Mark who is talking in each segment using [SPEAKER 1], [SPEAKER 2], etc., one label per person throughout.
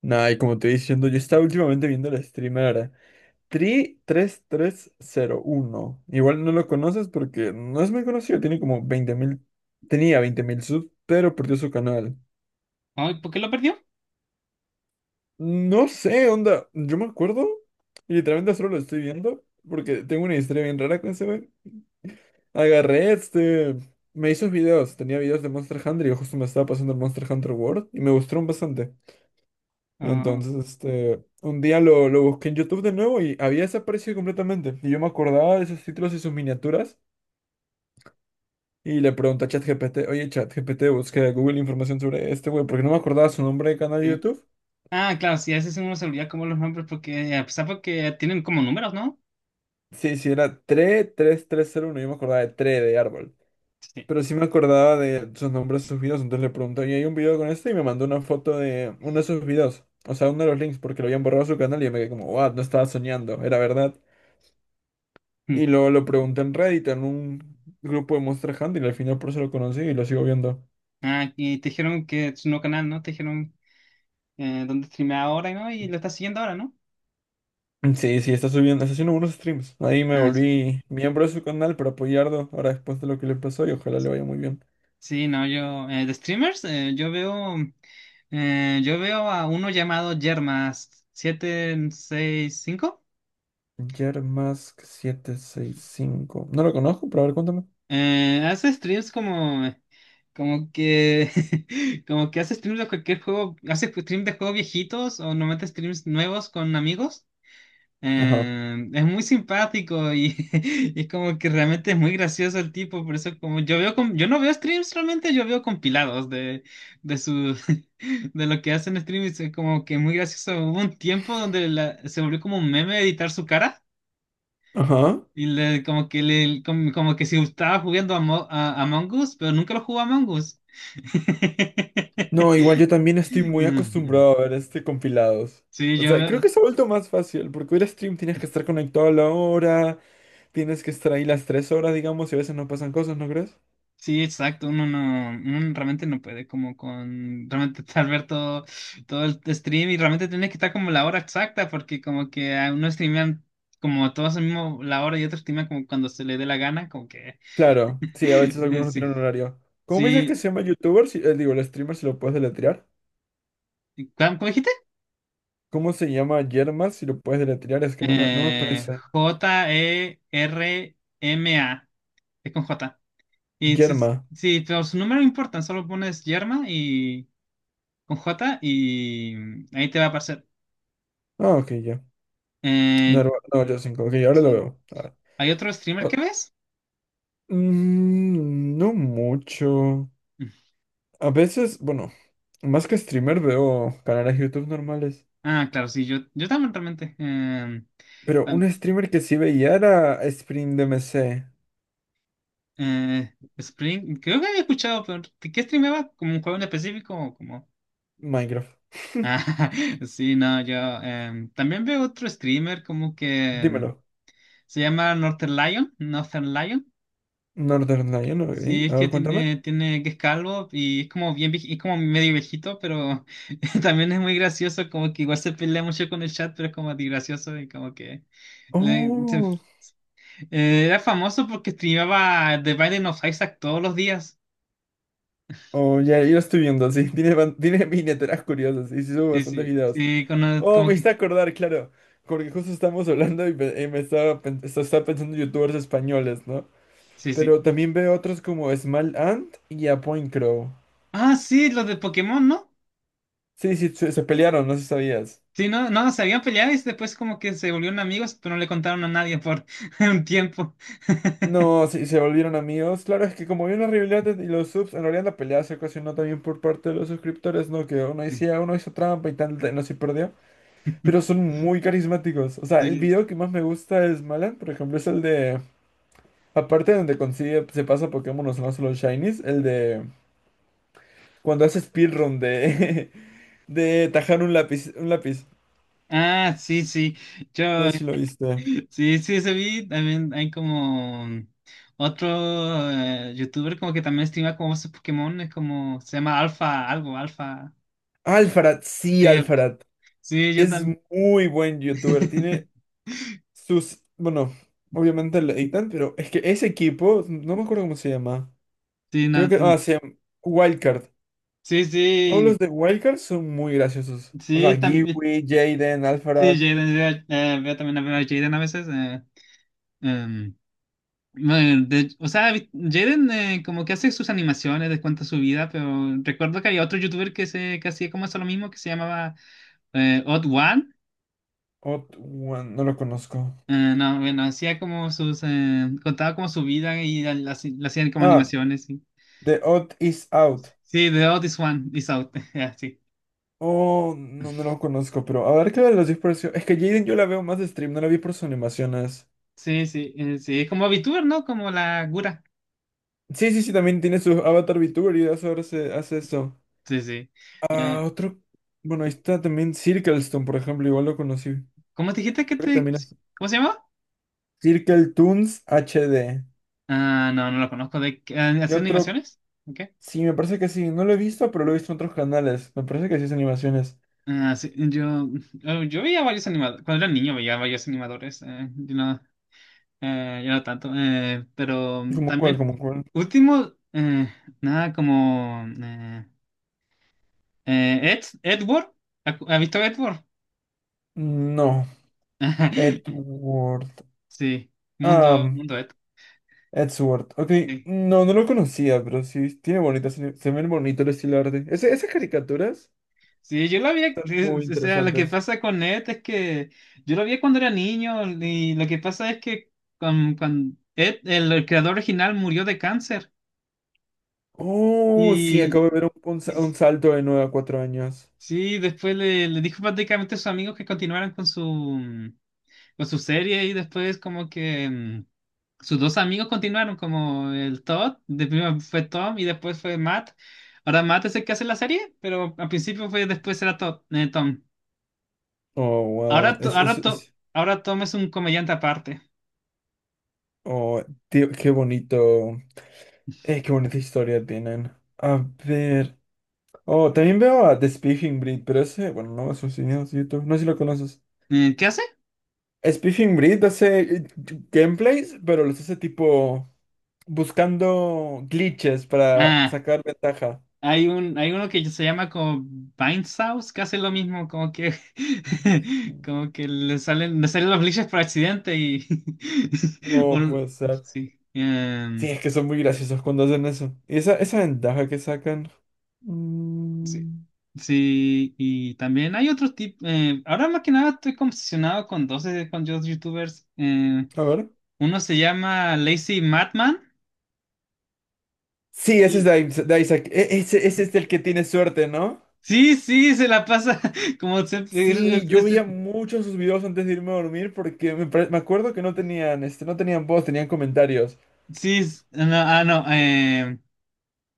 [SPEAKER 1] Nah, y como te estoy diciendo, yo estaba últimamente viendo el streamer tri tres tres cero uno. Igual no lo conoces porque no es muy conocido, tiene como 20.000, tenía 20.000 subs, pero perdió su canal.
[SPEAKER 2] Ay, ¿por qué lo perdió?
[SPEAKER 1] No sé, onda, yo me acuerdo y literalmente solo lo estoy viendo porque tengo una historia bien rara con ese wey. Agarré me hizo videos, tenía videos de Monster Hunter y yo justo me estaba pasando el Monster Hunter World y me gustaron bastante.
[SPEAKER 2] Ah,
[SPEAKER 1] Entonces, un día lo busqué en YouTube de nuevo y había desaparecido completamente. Y yo me acordaba de esos títulos y sus miniaturas. Y le pregunté a ChatGPT, oye, ChatGPT, busqué a Google información sobre este güey, porque no me acordaba su nombre de canal de
[SPEAKER 2] sí.
[SPEAKER 1] YouTube.
[SPEAKER 2] Ah, claro, sí, a veces uno se olvida como los nombres porque, a pesar porque tienen como números, ¿no?
[SPEAKER 1] Sí, sí, era 3301, yo me acordaba de 3 de árbol.
[SPEAKER 2] Sí.
[SPEAKER 1] Pero sí me acordaba de sus nombres, sus videos, entonces le pregunté, oye, hay un video con este y me mandó una foto de uno de sus videos. O sea, uno de los links, porque lo habían borrado su canal y yo me quedé como, wow, no estaba soñando, era verdad.
[SPEAKER 2] Mm.
[SPEAKER 1] Y luego lo pregunté en Reddit, en un grupo de Monster Hunter, y al final por eso lo conocí y lo sigo viendo.
[SPEAKER 2] Ah, y te dijeron que es un nuevo canal, ¿no? Te dijeron dónde streamea ahora, ¿no? Y lo estás siguiendo ahora, ¿no?
[SPEAKER 1] Sí, sí, está subiendo, está haciendo unos streams. Ahí me
[SPEAKER 2] Ah,
[SPEAKER 1] volví miembro de su canal para apoyarlo ahora después de lo que le pasó y ojalá le vaya muy bien.
[SPEAKER 2] sí, no, yo, de streamers, yo veo a uno llamado Yermas765.
[SPEAKER 1] Yermask cinco. No lo conozco, pero a ver, cuéntame.
[SPEAKER 2] Hace streams como. Como que, como que hace streams de cualquier juego, hace streams de juegos viejitos o no mete streams nuevos con amigos.
[SPEAKER 1] Ajá.
[SPEAKER 2] Es muy simpático y, y como que realmente es muy gracioso el tipo, por eso como yo veo, yo no veo streams realmente, yo veo compilados de su, de lo que hacen streams, es como que muy gracioso. Hubo un tiempo donde se volvió como un meme editar su cara.
[SPEAKER 1] Ajá.
[SPEAKER 2] Y como que le, como, como que si estaba jugando a, a Among Us, pero nunca lo jugó a Among Us.
[SPEAKER 1] No, igual yo también estoy muy
[SPEAKER 2] Mm.
[SPEAKER 1] acostumbrado a ver este compilados.
[SPEAKER 2] Sí,
[SPEAKER 1] O
[SPEAKER 2] yo
[SPEAKER 1] sea,
[SPEAKER 2] veo,
[SPEAKER 1] creo que se ha vuelto más fácil, porque ver stream tienes que estar conectado a la hora, tienes que estar ahí las 3 horas, digamos, y a veces no pasan cosas, ¿no crees?
[SPEAKER 2] sí, exacto, uno no, uno realmente no puede como con, realmente estar ver todo, todo el stream y realmente tiene que estar como la hora exacta porque como que a uno streamean como todos al mismo la hora y otro streamean como cuando se le dé la gana, como que,
[SPEAKER 1] Claro, sí, a veces algunos no
[SPEAKER 2] sí,
[SPEAKER 1] tienen horario. ¿Cómo me dices que se
[SPEAKER 2] sí,
[SPEAKER 1] llama youtuber? Si, digo, el streamer si lo puedes deletrear.
[SPEAKER 2] ¿cómo cómo dijiste?
[SPEAKER 1] ¿Cómo se llama Yerma si lo puedes deletrear? Es que no me parece.
[SPEAKER 2] J-E-R-M-A. Es con J. Y si,
[SPEAKER 1] Yerma.
[SPEAKER 2] si los números no importan, solo pones yerma y con J y mm, ahí te va a aparecer.
[SPEAKER 1] Ah, ok, ya. No,
[SPEAKER 2] Eh,
[SPEAKER 1] no, no, yo cinco. Ok, ahora lo
[SPEAKER 2] sí.
[SPEAKER 1] veo. A ver.
[SPEAKER 2] ¿Hay otro streamer
[SPEAKER 1] Ah,
[SPEAKER 2] que ves?
[SPEAKER 1] no mucho.
[SPEAKER 2] Mm.
[SPEAKER 1] A veces, bueno, más que streamer veo canales de YouTube normales.
[SPEAKER 2] Ah, claro, sí, yo también realmente.
[SPEAKER 1] Pero
[SPEAKER 2] Tam-
[SPEAKER 1] un streamer que sí veía era SprintMC.
[SPEAKER 2] Spring, creo que había escuchado, pero ¿de? ¿Qué streameaba? ¿Como un juego en específico? O como...
[SPEAKER 1] Minecraft.
[SPEAKER 2] Ah, sí, no, yo, también veo otro streamer como que
[SPEAKER 1] Dímelo.
[SPEAKER 2] se llama Northern Lion, Northern Lion.
[SPEAKER 1] Northern Lion, ok.
[SPEAKER 2] Sí, es
[SPEAKER 1] A
[SPEAKER 2] que
[SPEAKER 1] ver, cuéntame.
[SPEAKER 2] tiene, tiene que es calvo y es como bien, es como medio viejito, pero también es muy gracioso, como que igual se pelea mucho con el chat, pero es como de gracioso y como que le- se-
[SPEAKER 1] Oh.
[SPEAKER 2] era famoso porque streamaba The Binding of Isaac todos los días.
[SPEAKER 1] Oh, ya, yo lo estoy viendo, sí. Tiene, ban- tiene miniaturas curiosas y sí subo
[SPEAKER 2] Sí,
[SPEAKER 1] bastantes
[SPEAKER 2] sí,
[SPEAKER 1] videos.
[SPEAKER 2] sí,
[SPEAKER 1] Oh,
[SPEAKER 2] como
[SPEAKER 1] me hice
[SPEAKER 2] que,
[SPEAKER 1] acordar, claro. Porque justo estamos hablando y, pe- y me estaba, pen- esto- estaba pensando en youtubers españoles, ¿no?
[SPEAKER 2] sí, sí.
[SPEAKER 1] Pero también veo otros como Small Ant y a Point Crow.
[SPEAKER 2] Ah, sí, los de Pokémon, ¿no?
[SPEAKER 1] Sí, sí, se pelearon, no sé si sabías.
[SPEAKER 2] Sí, no, no, se habían peleado y después como que se volvieron amigos, pero no le contaron a nadie por un tiempo.
[SPEAKER 1] No, sí, se volvieron amigos. Claro, es que como había una rivalidad y los subs, en realidad la pelea se ocasionó también por parte de los suscriptores, ¿no? Que uno decía, uno hizo trampa y tal, no se perdió. Pero son muy carismáticos. O sea, el
[SPEAKER 2] Sí.
[SPEAKER 1] video que más me gusta es Malan, por ejemplo, es el de. Aparte de donde consigue, se pasa Pokémon, no solo Shinies, el de. Cuando hace speedrun de. de tajar un lápiz. Un lápiz.
[SPEAKER 2] Ah, sí, sí.
[SPEAKER 1] No
[SPEAKER 2] Yo,
[SPEAKER 1] sé si lo viste.
[SPEAKER 2] sí, sí, ese vi, también hay como otro youtuber como que también streama como esos Pokémon, es como, se llama Alfa, algo, Alfa.
[SPEAKER 1] Alfarad, sí,
[SPEAKER 2] Sí,
[SPEAKER 1] Alfarad.
[SPEAKER 2] sí, yo
[SPEAKER 1] Es
[SPEAKER 2] también.
[SPEAKER 1] muy buen youtuber. Tiene sus. Bueno, obviamente lo editan, pero es que ese equipo, no me acuerdo cómo se llama.
[SPEAKER 2] Sí,
[SPEAKER 1] Creo
[SPEAKER 2] no,
[SPEAKER 1] que. Ah, se llama Wildcard.
[SPEAKER 2] sí,
[SPEAKER 1] Todos los
[SPEAKER 2] sí,
[SPEAKER 1] de Wildcard son muy graciosos. O
[SPEAKER 2] sí,
[SPEAKER 1] sea,
[SPEAKER 2] también,
[SPEAKER 1] Kiwi, Jaden,
[SPEAKER 2] sí,
[SPEAKER 1] Alfarad.
[SPEAKER 2] Jaden, veo, veo también a ver a Jaden a veces. Em, bueno, o sea, Jaden como que hace sus animaciones, les cuenta su vida, pero recuerdo que había otro youtuber que, se, que hacía como eso lo mismo, que se llamaba Odd One.
[SPEAKER 1] Odd One, no lo conozco.
[SPEAKER 2] No, bueno, hacía como sus, contaba como su vida y la, la hacían como
[SPEAKER 1] Ah,
[SPEAKER 2] animaciones, sí.
[SPEAKER 1] The Odd is Out.
[SPEAKER 2] Sí, The Otis One is out, ya, sí.
[SPEAKER 1] Oh, no, no lo conozco, pero a ver qué de los dispersos. Es que Jaden yo la veo más de stream, no la vi por sus animaciones.
[SPEAKER 2] Sí, sí, sí, es como VTuber, ¿no? Como la Gura.
[SPEAKER 1] Sí, sí, sí, también tiene su avatar VTuber y eso ahora se hace eso.
[SPEAKER 2] Sí, sí.
[SPEAKER 1] Ah,
[SPEAKER 2] Eh,
[SPEAKER 1] otro. Bueno, ahí está también Circlestone, por ejemplo, igual lo conocí.
[SPEAKER 2] ¿Cómo te dijiste que
[SPEAKER 1] Creo que
[SPEAKER 2] te,
[SPEAKER 1] también es
[SPEAKER 2] cómo se llama?
[SPEAKER 1] Circletoons HD.
[SPEAKER 2] Ah, no, no lo conozco, ¿de qué? Ah,
[SPEAKER 1] Y
[SPEAKER 2] ¿hacer
[SPEAKER 1] otro,
[SPEAKER 2] animaciones? Ok.
[SPEAKER 1] sí, me parece que sí, no lo he visto, pero lo he visto en otros canales. Me parece que sí es animaciones.
[SPEAKER 2] Ah, sí, yo, yo veía varios animadores, cuando era niño veía varios animadores, yo no, yo no tanto, pero
[SPEAKER 1] ¿Como cuál?
[SPEAKER 2] también,
[SPEAKER 1] ¿Como cuál?
[SPEAKER 2] último, nada como... Ed, Edward, ¿ha ha visto Edward?
[SPEAKER 1] No. Edward.
[SPEAKER 2] Sí,
[SPEAKER 1] Ah,
[SPEAKER 2] mundo, mundo Ed.
[SPEAKER 1] Edward. Sword. Ok,
[SPEAKER 2] Sí.
[SPEAKER 1] no, no lo conocía, pero sí, tiene bonitas, se ven bonito el estilo de arte. Ese- esas caricaturas,
[SPEAKER 2] Sí, yo lo vi,
[SPEAKER 1] muy
[SPEAKER 2] o sea, lo que
[SPEAKER 1] interesantes.
[SPEAKER 2] pasa con Ed es que yo lo vi cuando era niño y lo que pasa es que con Ed, el creador original murió de cáncer
[SPEAKER 1] Oh, sí, acabo de
[SPEAKER 2] y,
[SPEAKER 1] ver un
[SPEAKER 2] y
[SPEAKER 1] sa- un salto de 9 a 4 años.
[SPEAKER 2] sí, después le, le dijo prácticamente a sus amigos que continuaran con su serie y después como que... mm. Sus dos amigos continuaron, como el Todd, de primero fue Tom y después fue Matt. Ahora Matt es el que hace la serie, pero al principio fue después era Todd, Tom.
[SPEAKER 1] Oh, wow.
[SPEAKER 2] Ahora, ahora,
[SPEAKER 1] Es-
[SPEAKER 2] ahora Tom es un comediante aparte.
[SPEAKER 1] oh, tío, qué bonito. Qué bonita historia tienen. A ver. Oh, también veo a The Speaking Breed, pero ese, bueno, no es un cine, es YouTube. No sé si lo conoces.
[SPEAKER 2] ¿Qué hace?
[SPEAKER 1] Speaking Breed hace gameplays, pero los hace tipo. Buscando glitches para
[SPEAKER 2] Ah,
[SPEAKER 1] sacar ventaja.
[SPEAKER 2] hay un, hay uno que se llama como House que hace lo mismo, como que, como que le salen los glitches por accidente y,
[SPEAKER 1] No
[SPEAKER 2] o-
[SPEAKER 1] puede ser.
[SPEAKER 2] sí.
[SPEAKER 1] Sí, es que son muy graciosos cuando hacen eso. ¿Y esa ventaja que sacan?
[SPEAKER 2] Sí,
[SPEAKER 1] Mm,
[SPEAKER 2] sí, y también hay otros tipos. Ahora más que nada estoy obsesionado con dos youtubers.
[SPEAKER 1] a ver.
[SPEAKER 2] Uno se llama Lazy Madman.
[SPEAKER 1] Sí, ese es
[SPEAKER 2] Y
[SPEAKER 1] de Is- de Isaac. E- Ese es el que tiene suerte, ¿no?
[SPEAKER 2] sí, sí, se la pasa como siempre,
[SPEAKER 1] Sí,
[SPEAKER 2] es-
[SPEAKER 1] yo veía
[SPEAKER 2] es-
[SPEAKER 1] muchos sus videos antes de irme a dormir porque me, pare- me acuerdo que no tenían, no tenían voz, tenían comentarios.
[SPEAKER 2] sí, no, ah, no, eh,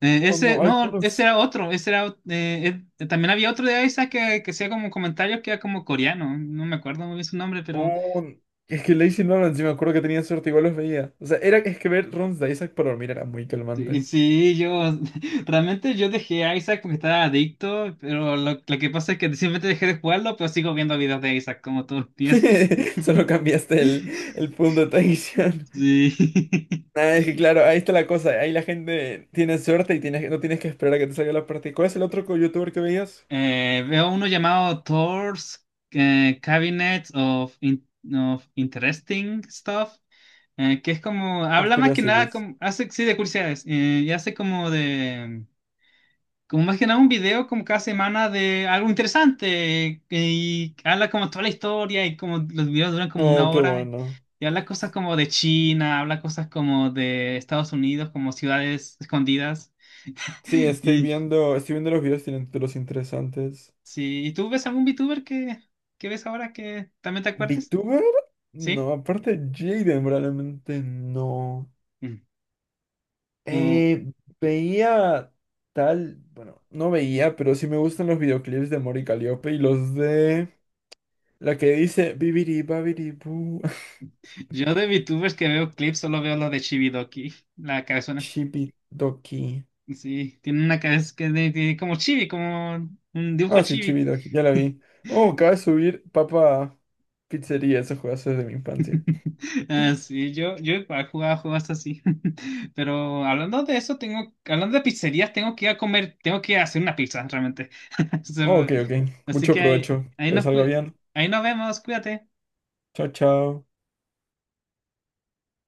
[SPEAKER 2] eh,
[SPEAKER 1] O
[SPEAKER 2] ese,
[SPEAKER 1] no,
[SPEAKER 2] no, ese
[SPEAKER 1] algunos.
[SPEAKER 2] era otro, ese era, también había otro de Isaac que hacía como comentarios que era como coreano, no me acuerdo muy bien su nombre, pero
[SPEAKER 1] Oh, es que Lazy Nolan, sí me acuerdo que tenía suerte, igual los veía. O sea, era, es que ver runs de Isaac para dormir era muy
[SPEAKER 2] sí,
[SPEAKER 1] calmante.
[SPEAKER 2] sí, yo realmente yo dejé a Isaac, porque estaba adicto, pero lo que pasa es que simplemente dejé de jugarlo, pero sigo viendo videos de Isaac como todos los días.
[SPEAKER 1] Solo cambiaste el punto de atención.
[SPEAKER 2] Sí.
[SPEAKER 1] Nada, es que claro, ahí está la cosa. Ahí la gente tiene suerte y tienes, no tienes que esperar a que te salga la parte. ¿Cuál es el otro co- youtuber que veías?
[SPEAKER 2] Veo uno llamado Thor's Cabinet of, of Interesting Stuff, que es como,
[SPEAKER 1] Of
[SPEAKER 2] habla más que nada,
[SPEAKER 1] Curiosities.
[SPEAKER 2] como, hace, sí, de curiosidades, y hace como de... como más que nada un video como cada semana de algo interesante que, y habla como toda la historia y como los videos duran como una
[SPEAKER 1] Oh, qué
[SPEAKER 2] hora
[SPEAKER 1] bueno.
[SPEAKER 2] y habla cosas como de China, habla cosas como de Estados Unidos, como ciudades escondidas
[SPEAKER 1] Sí,
[SPEAKER 2] y
[SPEAKER 1] estoy viendo los videos, tienen títulos interesantes.
[SPEAKER 2] sí, ¿y tú ves algún VTuber que ves ahora que también te acuerdes?
[SPEAKER 1] ¿VTuber?
[SPEAKER 2] ¿Sí?
[SPEAKER 1] No, aparte Jaden probablemente no.
[SPEAKER 2] Mm. O-
[SPEAKER 1] Eh, veía tal, bueno, no veía, pero sí me gustan los videoclips de Mori Caliope y los de... La que dice Bibidi Babidi Boo.
[SPEAKER 2] yo de VTubers que veo clips solo veo lo de Chibidoki, la cabezona.
[SPEAKER 1] Chibidoki.
[SPEAKER 2] Sí, tiene una cabeza que como chibi, como un dibujo
[SPEAKER 1] Ah, sí,
[SPEAKER 2] chibi.
[SPEAKER 1] Chibidoki, ya la vi. Oh, acaba de subir Papa Pizzería, ese juegazo es de mi infancia.
[SPEAKER 2] Ah, sí, yo he jugado juegos así. Pero hablando de eso, tengo, hablando de pizzerías, tengo que ir a comer, tengo que ir a hacer una pizza realmente. So,
[SPEAKER 1] Oh, ok, ok.
[SPEAKER 2] así
[SPEAKER 1] Mucho
[SPEAKER 2] que ahí,
[SPEAKER 1] provecho.
[SPEAKER 2] ahí
[SPEAKER 1] Que les
[SPEAKER 2] nos,
[SPEAKER 1] salga bien.
[SPEAKER 2] ahí nos vemos, cuídate.
[SPEAKER 1] Chao, chao.